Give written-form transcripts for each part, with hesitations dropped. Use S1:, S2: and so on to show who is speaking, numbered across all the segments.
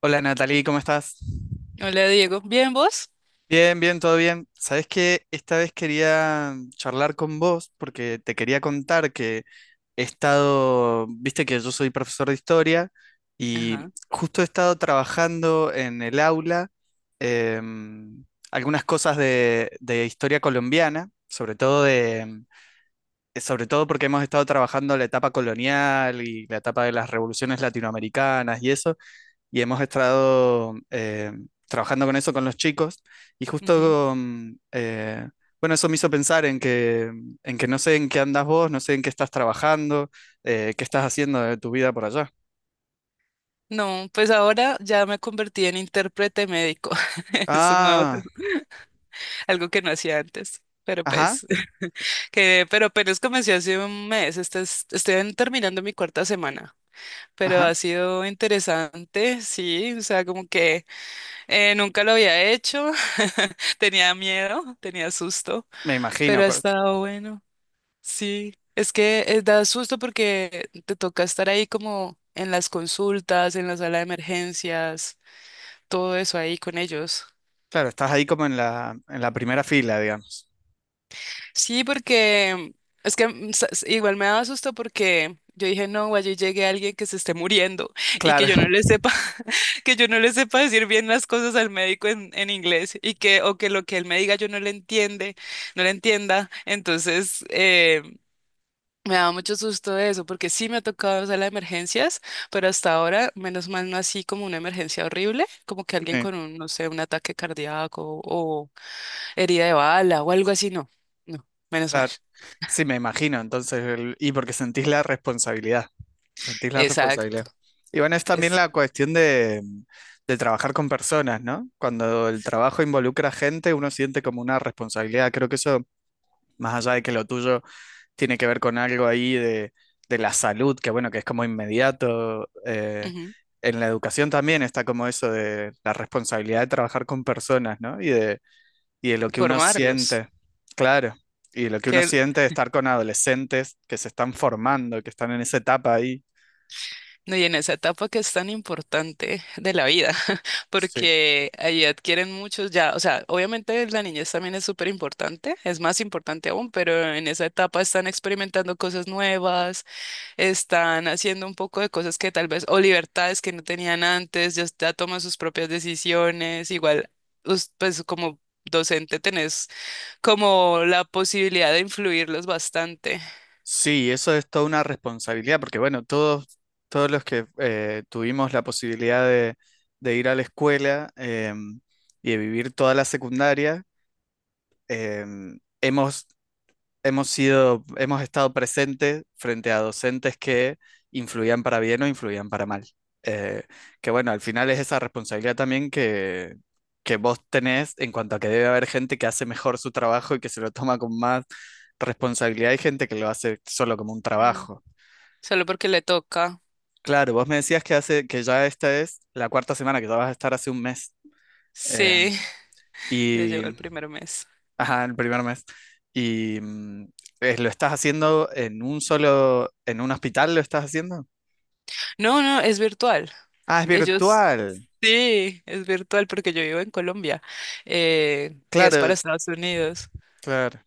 S1: Hola Natalie, ¿cómo estás?
S2: Hola Diego, ¿bien vos?
S1: Bien, bien, todo bien. Sabes que esta vez quería charlar con vos porque te quería contar que he estado, viste que yo soy profesor de historia y
S2: Ajá.
S1: justo he estado trabajando en el aula em, algunas cosas de historia colombiana, sobre todo porque hemos estado trabajando la etapa colonial y la etapa de las revoluciones latinoamericanas y eso y hemos estado trabajando con eso con los chicos y
S2: Ujú.
S1: justo, bueno, eso me hizo pensar en que, no sé en qué andas vos, no sé en qué estás trabajando, qué estás haciendo de tu vida por allá.
S2: No, pues ahora ya me convertí en intérprete médico. Es un nuevo,
S1: Ah,
S2: algo que no hacía antes. Pero
S1: ajá,
S2: pues, pero apenas comencé hace un mes. Estoy terminando mi cuarta semana. Pero
S1: ajá,
S2: ha sido interesante, sí. O sea, como que nunca lo había hecho. Tenía miedo, tenía susto,
S1: me imagino.
S2: pero ha estado bueno. Sí, es que da susto porque te toca estar ahí como en las consultas, en la sala de emergencias, todo eso ahí con ellos.
S1: Claro, estás ahí como en la primera fila, digamos.
S2: Sí, porque es que igual me daba susto porque yo dije, no, allí llegue alguien que se esté muriendo y que
S1: Claro,
S2: yo no le sepa, que yo no le sepa decir bien las cosas al médico en inglés y que, o que lo que él me diga yo no le entiende, no le entienda. Entonces, me da mucho susto eso, porque sí me ha tocado sala las emergencias, pero hasta ahora, menos mal, no así como una emergencia horrible, como que alguien
S1: sí,
S2: con un, no sé, un ataque cardíaco o herida de bala o algo así, no. No, menos mal.
S1: claro. Sí, me imagino, entonces, y porque sentís la responsabilidad. Sentís la
S2: Exacto.
S1: responsabilidad. Y bueno, es también
S2: Es
S1: la cuestión de trabajar con personas, ¿no? Cuando el trabajo involucra gente, uno siente como una responsabilidad. Creo que eso, más allá de que lo tuyo tiene que ver con algo ahí de la salud, que bueno, que es como inmediato.
S2: Ujú,
S1: En la educación también está como eso de la responsabilidad de trabajar con personas, ¿no? Y de lo que uno
S2: formarlos.
S1: siente, claro. Y de lo que uno
S2: Que,
S1: siente de estar con adolescentes que se están formando, que están en esa etapa ahí.
S2: no, y en esa etapa que es tan importante de la vida,
S1: Sí.
S2: porque ahí adquieren muchos ya, o sea, obviamente la niñez también es súper importante, es más importante aún, pero en esa etapa están experimentando cosas nuevas, están haciendo un poco de cosas que tal vez, o libertades que no tenían antes, ya, ya toman sus propias decisiones, igual, pues como docente tenés como la posibilidad de influirlos bastante.
S1: Sí, eso es toda una responsabilidad, porque bueno, todos los que tuvimos la posibilidad de ir a la escuela em, y de vivir toda la secundaria, em, hemos, hemos estado presentes frente a docentes que influían para bien o influían para mal. Eh, que bueno, al final es esa responsabilidad también que vos tenés en cuanto a que debe haber gente que hace mejor su trabajo y que se lo toma con más responsabilidad y gente que lo hace solo como un
S2: Mm.
S1: trabajo.
S2: Solo porque le toca.
S1: Claro, vos me decías que ya esta es la cuarta semana, que ya vas a estar hace un mes. eh,
S2: Sí, ya
S1: y,
S2: llegó el primer mes.
S1: ajá, el primer mes. Y lo estás haciendo en en un hospital lo estás haciendo.
S2: No, no, es virtual.
S1: Ah, es
S2: Ellos,
S1: virtual.
S2: sí, es virtual porque yo vivo en Colombia, y es para
S1: Claro,
S2: Estados Unidos.
S1: claro,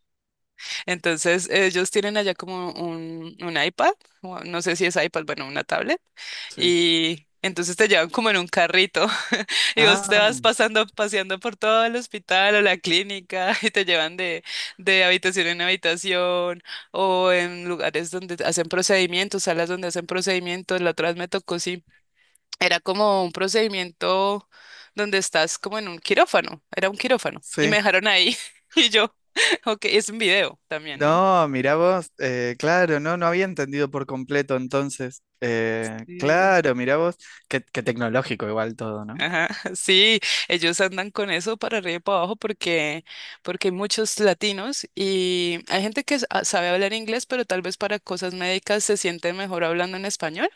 S2: Entonces, ellos tienen allá como un iPad, o no sé si es iPad, bueno, una tablet,
S1: sí.
S2: y entonces te llevan como en un carrito y vos
S1: Ah,
S2: te vas pasando, paseando por todo el hospital o la clínica y te llevan de, habitación en habitación, o en lugares donde hacen procedimientos, salas donde hacen procedimientos. La otra vez me tocó, sí, era como un procedimiento donde estás como en un quirófano, era un quirófano, y me
S1: sí.
S2: dejaron ahí y yo, ok, es un video también, ¿no?
S1: No, mirá vos, claro, no, no había entendido por completo entonces.
S2: Sí,
S1: Claro, mirá vos, qué, qué tecnológico igual todo, ¿no?
S2: ajá, sí, ellos andan con eso para arriba y para abajo porque hay muchos latinos y hay gente que sabe hablar inglés, pero tal vez para cosas médicas se siente mejor hablando en español.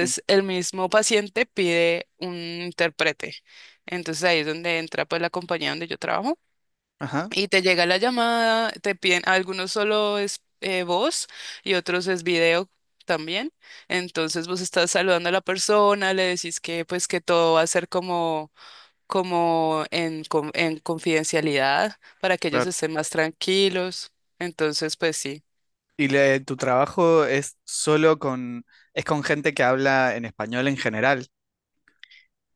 S1: Sí.
S2: el mismo paciente pide un intérprete. Entonces, ahí es donde entra pues la compañía donde yo trabajo.
S1: Ajá,
S2: Y te llega la llamada, te piden, algunos solo es voz y otros es video también. Entonces vos estás saludando a la persona, le decís que pues que todo va a ser como en confidencialidad, para que ellos
S1: claro.
S2: estén más tranquilos. Entonces, pues sí.
S1: ¿Y le- tu trabajo es solo con, es con gente que habla en español en general?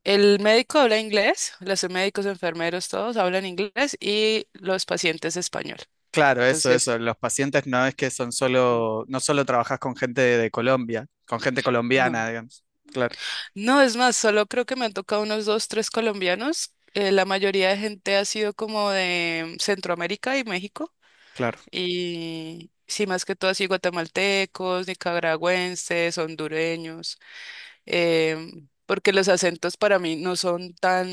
S2: El médico habla inglés, los médicos, enfermeros, todos hablan inglés y los pacientes español.
S1: Claro, eso,
S2: Entonces,
S1: eso. Los pacientes no es que son
S2: mm,
S1: solo, no solo trabajas con gente de Colombia, con gente
S2: no.
S1: colombiana, digamos. Claro,
S2: No, es más, solo creo que me han tocado unos dos, tres colombianos. La mayoría de gente ha sido como de Centroamérica y México.
S1: claro,
S2: Y sí, más que todo así guatemaltecos, nicaragüenses, hondureños. Porque los acentos para mí no son tan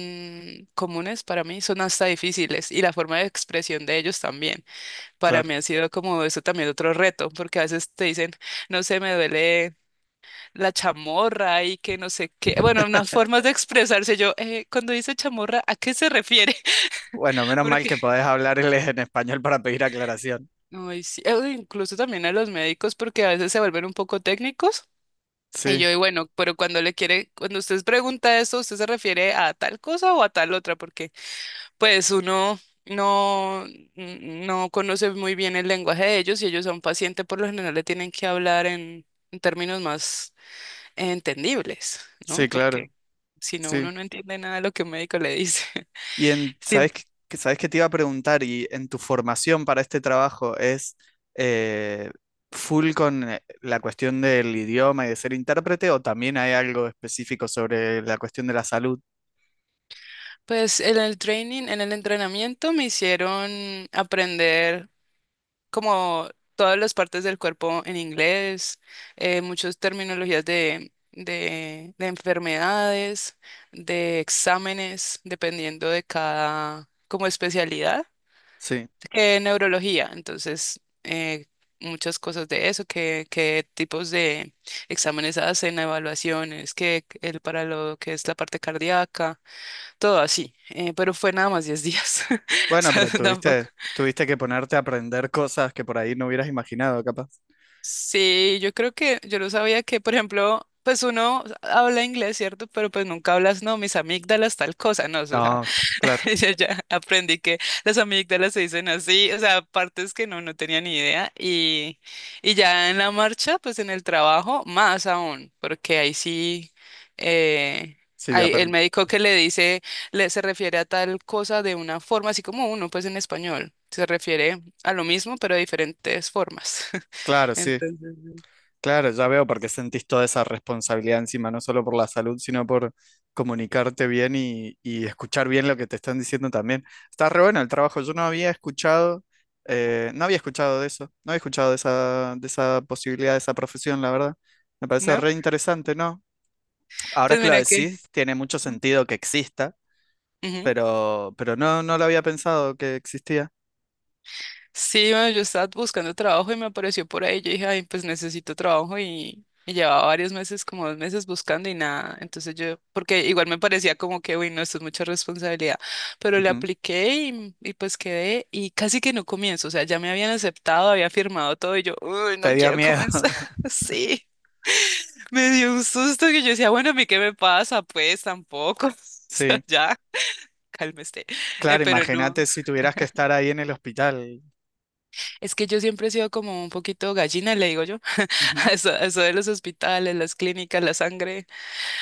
S2: comunes, para mí son hasta difíciles. Y la forma de expresión de ellos también. Para
S1: claro.
S2: mí ha sido como eso también otro reto, porque a veces te dicen, no sé, me duele la chamorra y que no sé qué. Bueno, unas formas de expresarse. Cuando dice chamorra, ¿a qué se refiere?
S1: Bueno, menos mal
S2: Porque,
S1: que podés hablarles en español para pedir aclaración.
S2: ay, sí, incluso también a los médicos, porque a veces se vuelven un poco técnicos. Y
S1: Sí,
S2: yo, y bueno, pero cuando le quiere, cuando usted pregunta eso, ¿usted se refiere a tal cosa o a tal otra? Porque, pues, uno no, no conoce muy bien el lenguaje de ellos, y ellos a un paciente por lo general le tienen que hablar en términos más entendibles,
S1: sí,
S2: ¿no? Porque
S1: claro.
S2: si no,
S1: Sí.
S2: uno no entiende nada de lo que un médico le dice.
S1: Y en,
S2: Sí.
S1: sabes que te iba a preguntar? Y en tu formación para este trabajo es eh, full con la cuestión del idioma y de ser intérprete, o también hay algo específico sobre la cuestión de la salud.
S2: Pues en el training, en el entrenamiento me hicieron aprender como todas las partes del cuerpo en inglés, muchas terminologías de, enfermedades, de exámenes, dependiendo de cada como especialidad.
S1: Sí.
S2: Neurología, entonces muchas cosas de eso, qué tipos de exámenes hacen, evaluaciones, qué el para lo que es la parte cardíaca, todo así, pero fue nada más 10 días, o
S1: Bueno,
S2: sea,
S1: pero
S2: tampoco.
S1: tuviste que ponerte a aprender cosas que por ahí no hubieras imaginado, capaz.
S2: Sí, yo creo que yo no sabía que, por ejemplo, pues uno habla inglés, ¿cierto? Pero pues nunca hablas, no, mis amígdalas, tal cosa, no, o sea,
S1: No, claro.
S2: ya, ya aprendí que las amígdalas se dicen así, o sea, partes que no, no tenía ni idea. Y ya en la marcha, pues en el trabajo, más aún, porque ahí sí, eh,
S1: Sí,
S2: hay el médico que le dice, le, se refiere a tal cosa de una forma, así como uno, pues en español, se refiere a lo mismo, pero de diferentes formas.
S1: Claro, sí.
S2: Entonces,
S1: Claro, ya veo por qué sentís toda esa responsabilidad encima, no solo por la salud, sino por comunicarte bien y escuchar bien lo que te están diciendo también. Está re bueno el trabajo. Yo no había escuchado, no había escuchado de eso, no había escuchado de esa posibilidad, de esa profesión, la verdad. Me parece
S2: ¿no?
S1: re interesante, ¿no? Ahora
S2: Pues
S1: que lo
S2: mira que...
S1: decís, tiene mucho sentido que exista,
S2: Ujú.
S1: pero no lo había pensado que existía.
S2: Sí, bueno, yo estaba buscando trabajo y me apareció por ahí. Yo dije, ay, pues necesito trabajo, y llevaba varios meses, como 2 meses buscando y nada. Entonces yo, porque igual me parecía como que, uy, no, esto es mucha responsabilidad, pero le
S1: Ujú.
S2: apliqué y pues quedé y casi que no comienzo. O sea, ya me habían aceptado, había firmado todo y yo, uy, no
S1: Te dio
S2: quiero
S1: miedo.
S2: comenzar. Sí, me dio un susto que yo decía, bueno, ¿a mí qué me pasa? Pues tampoco. O sea,
S1: Sí.
S2: ya, cálmese. Eh,
S1: Claro,
S2: pero no.
S1: imagínate si tuvieras que estar ahí en el hospital.
S2: Es que yo siempre he sido como un poquito gallina, le digo yo. a
S1: Ujú.
S2: Eso, a eso de los hospitales, las clínicas, la sangre,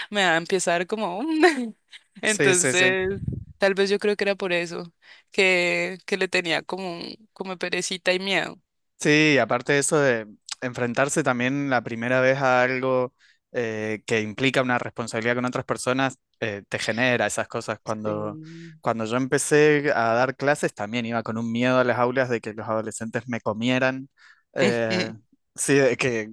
S2: me va a empezar como...
S1: Sí, sí, sí.
S2: Entonces, tal vez yo creo que era por eso, que le tenía como, perecita y miedo.
S1: Sí, aparte de eso de enfrentarse también la primera vez a algo que implica una responsabilidad con otras personas, te genera esas cosas. Cuando,
S2: Sí.
S1: cuando yo empecé a dar clases, también iba con un miedo a las aulas de que los adolescentes me comieran. eh, sí,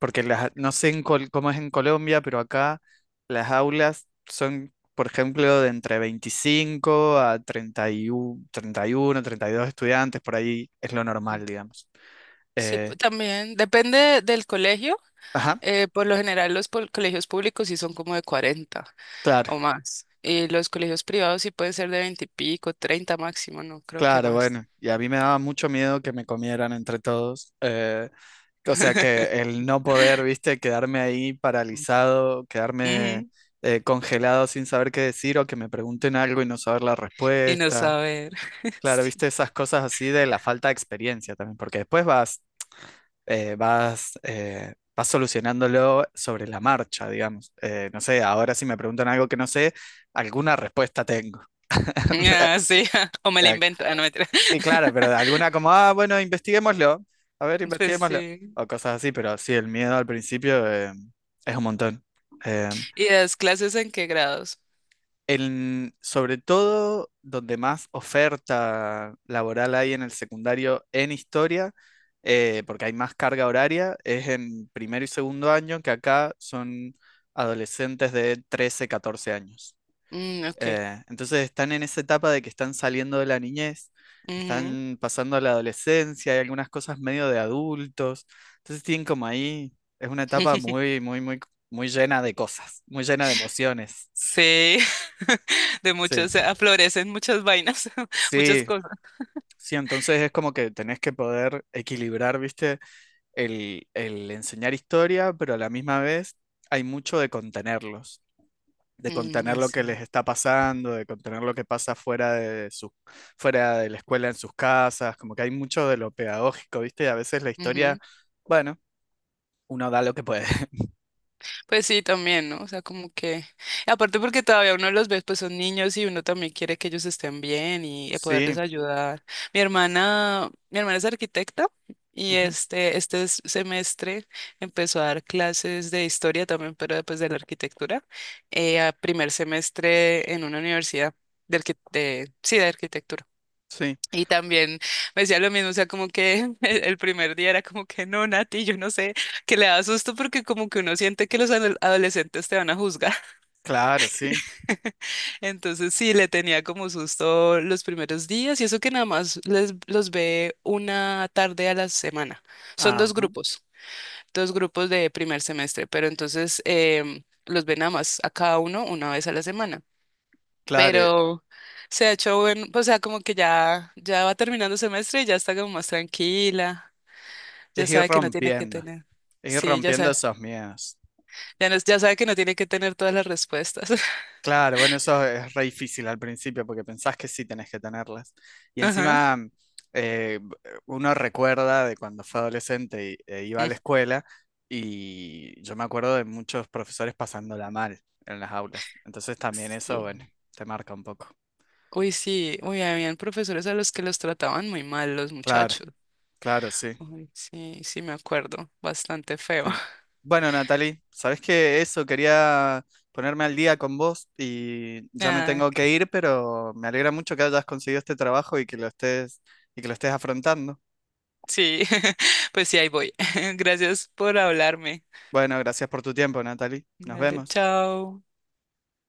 S1: porque las, no sé cómo es en Colombia, pero acá las aulas son, por ejemplo, de entre 25 a 30 31, 31 32 estudiantes, por ahí es lo normal, digamos.
S2: Sí,
S1: Eh,
S2: también depende del colegio.
S1: ajá,
S2: Por lo general, los colegios públicos sí son como de 40
S1: claro,
S2: o más. Y los colegios privados sí pueden ser de 20 y pico, 30 máximo, no creo que
S1: claro,
S2: más.
S1: bueno. Y a mí me daba mucho miedo que me comieran entre todos. O sea, que el no poder, viste, quedarme ahí paralizado, quedarme
S2: Ujú.
S1: congelado sin saber qué decir o que me pregunten algo y no saber la
S2: Y no
S1: respuesta.
S2: saber.
S1: Claro,
S2: Sí.
S1: viste, esas cosas así de la falta de experiencia también, porque después vas solucionándolo sobre la marcha, digamos. No sé, ahora si me preguntan algo que no sé, alguna respuesta tengo.
S2: Ah, sí. O me la invento. Ah, no, mentira.
S1: Y claro, pero de alguna como, ah, bueno, investiguémoslo. A ver,
S2: Pues
S1: investiguémoslo.
S2: sí.
S1: O cosas así, pero sí, el miedo al principio es un montón. Eh,
S2: ¿Y das clases en qué grados?
S1: sobre todo donde más oferta laboral hay en el secundario en historia, porque hay más carga horaria, es en primero y segundo año, que acá son adolescentes de 13 14 años.
S2: Mm, ok.
S1: Entonces están en esa etapa de que están saliendo de la niñez,
S2: Ujú.
S1: están pasando a la adolescencia, hay algunas cosas medio de adultos. Entonces tienen como ahí, es una etapa muy, muy, muy, muy llena de cosas, muy llena de emociones.
S2: Sí. De
S1: Sí,
S2: muchas, aflorecen muchas vainas, muchas
S1: sí,
S2: cosas.
S1: sí, entonces es como que tenés que poder equilibrar, ¿viste? El enseñar historia, pero a la misma vez hay mucho de contenerlos. De
S2: Mm,
S1: contener lo que
S2: así.
S1: les está pasando, de contener lo que pasa fuera de su, fuera de la escuela en sus casas, como que hay mucho de lo pedagógico, ¿viste? Y a veces la historia, bueno, uno da lo que puede.
S2: Pues sí, también, ¿no? O sea, como que, aparte porque todavía uno los ve, pues son niños y uno también quiere que ellos estén bien y poderles
S1: Sí,
S2: ayudar. Mi hermana es arquitecta, y
S1: ujú,
S2: este semestre empezó a dar clases de historia también, pero pues de la arquitectura, a primer semestre en una universidad de arquitectura.
S1: sí,
S2: Y también me decía lo mismo, o sea, como que el primer día era como que no, Nati, yo no sé, que le da susto porque como que uno siente que los adolescentes te van a juzgar.
S1: claro, sí.
S2: Entonces sí, le tenía como susto los primeros días, y eso que nada más les, los ve una tarde a la semana. Son
S1: Ajá,
S2: dos grupos de primer semestre, pero entonces los ve nada más a cada uno una vez a la semana.
S1: claro,
S2: Pero se ha hecho bueno, o sea, como que ya, ya va terminando semestre y ya está como más tranquila. Ya
S1: es ir
S2: sabe que no tiene que
S1: rompiendo,
S2: tener.
S1: es ir
S2: Sí, ya
S1: rompiendo
S2: sabe.
S1: esos miedos.
S2: Ya, ya sabe que no tiene que tener todas las respuestas.
S1: Claro, bueno, eso es re difícil al principio porque pensás que sí tenés que tenerlas. Y
S2: Ajá.
S1: encima eh, uno recuerda de cuando fue adolescente y, e iba a
S2: Mm,
S1: la escuela y yo me acuerdo de muchos profesores pasándola mal en las aulas. Entonces también eso,
S2: sí.
S1: bueno, te marca un poco.
S2: Uy, sí. Uy, habían profesores a los que los trataban muy mal los
S1: Claro,
S2: muchachos.
S1: claro, sí,
S2: Uy, sí, sí, me acuerdo. Bastante feo.
S1: sí. Bueno, Natalie, sabés que eso quería ponerme al día con vos y ya me
S2: Ah,
S1: tengo que ir, pero me alegra mucho que hayas conseguido este trabajo y que lo estés afrontando.
S2: sí. Pues sí, ahí voy. Gracias por hablarme.
S1: Bueno, gracias por tu tiempo, Natalie. Nos
S2: Dale,
S1: vemos.
S2: chao.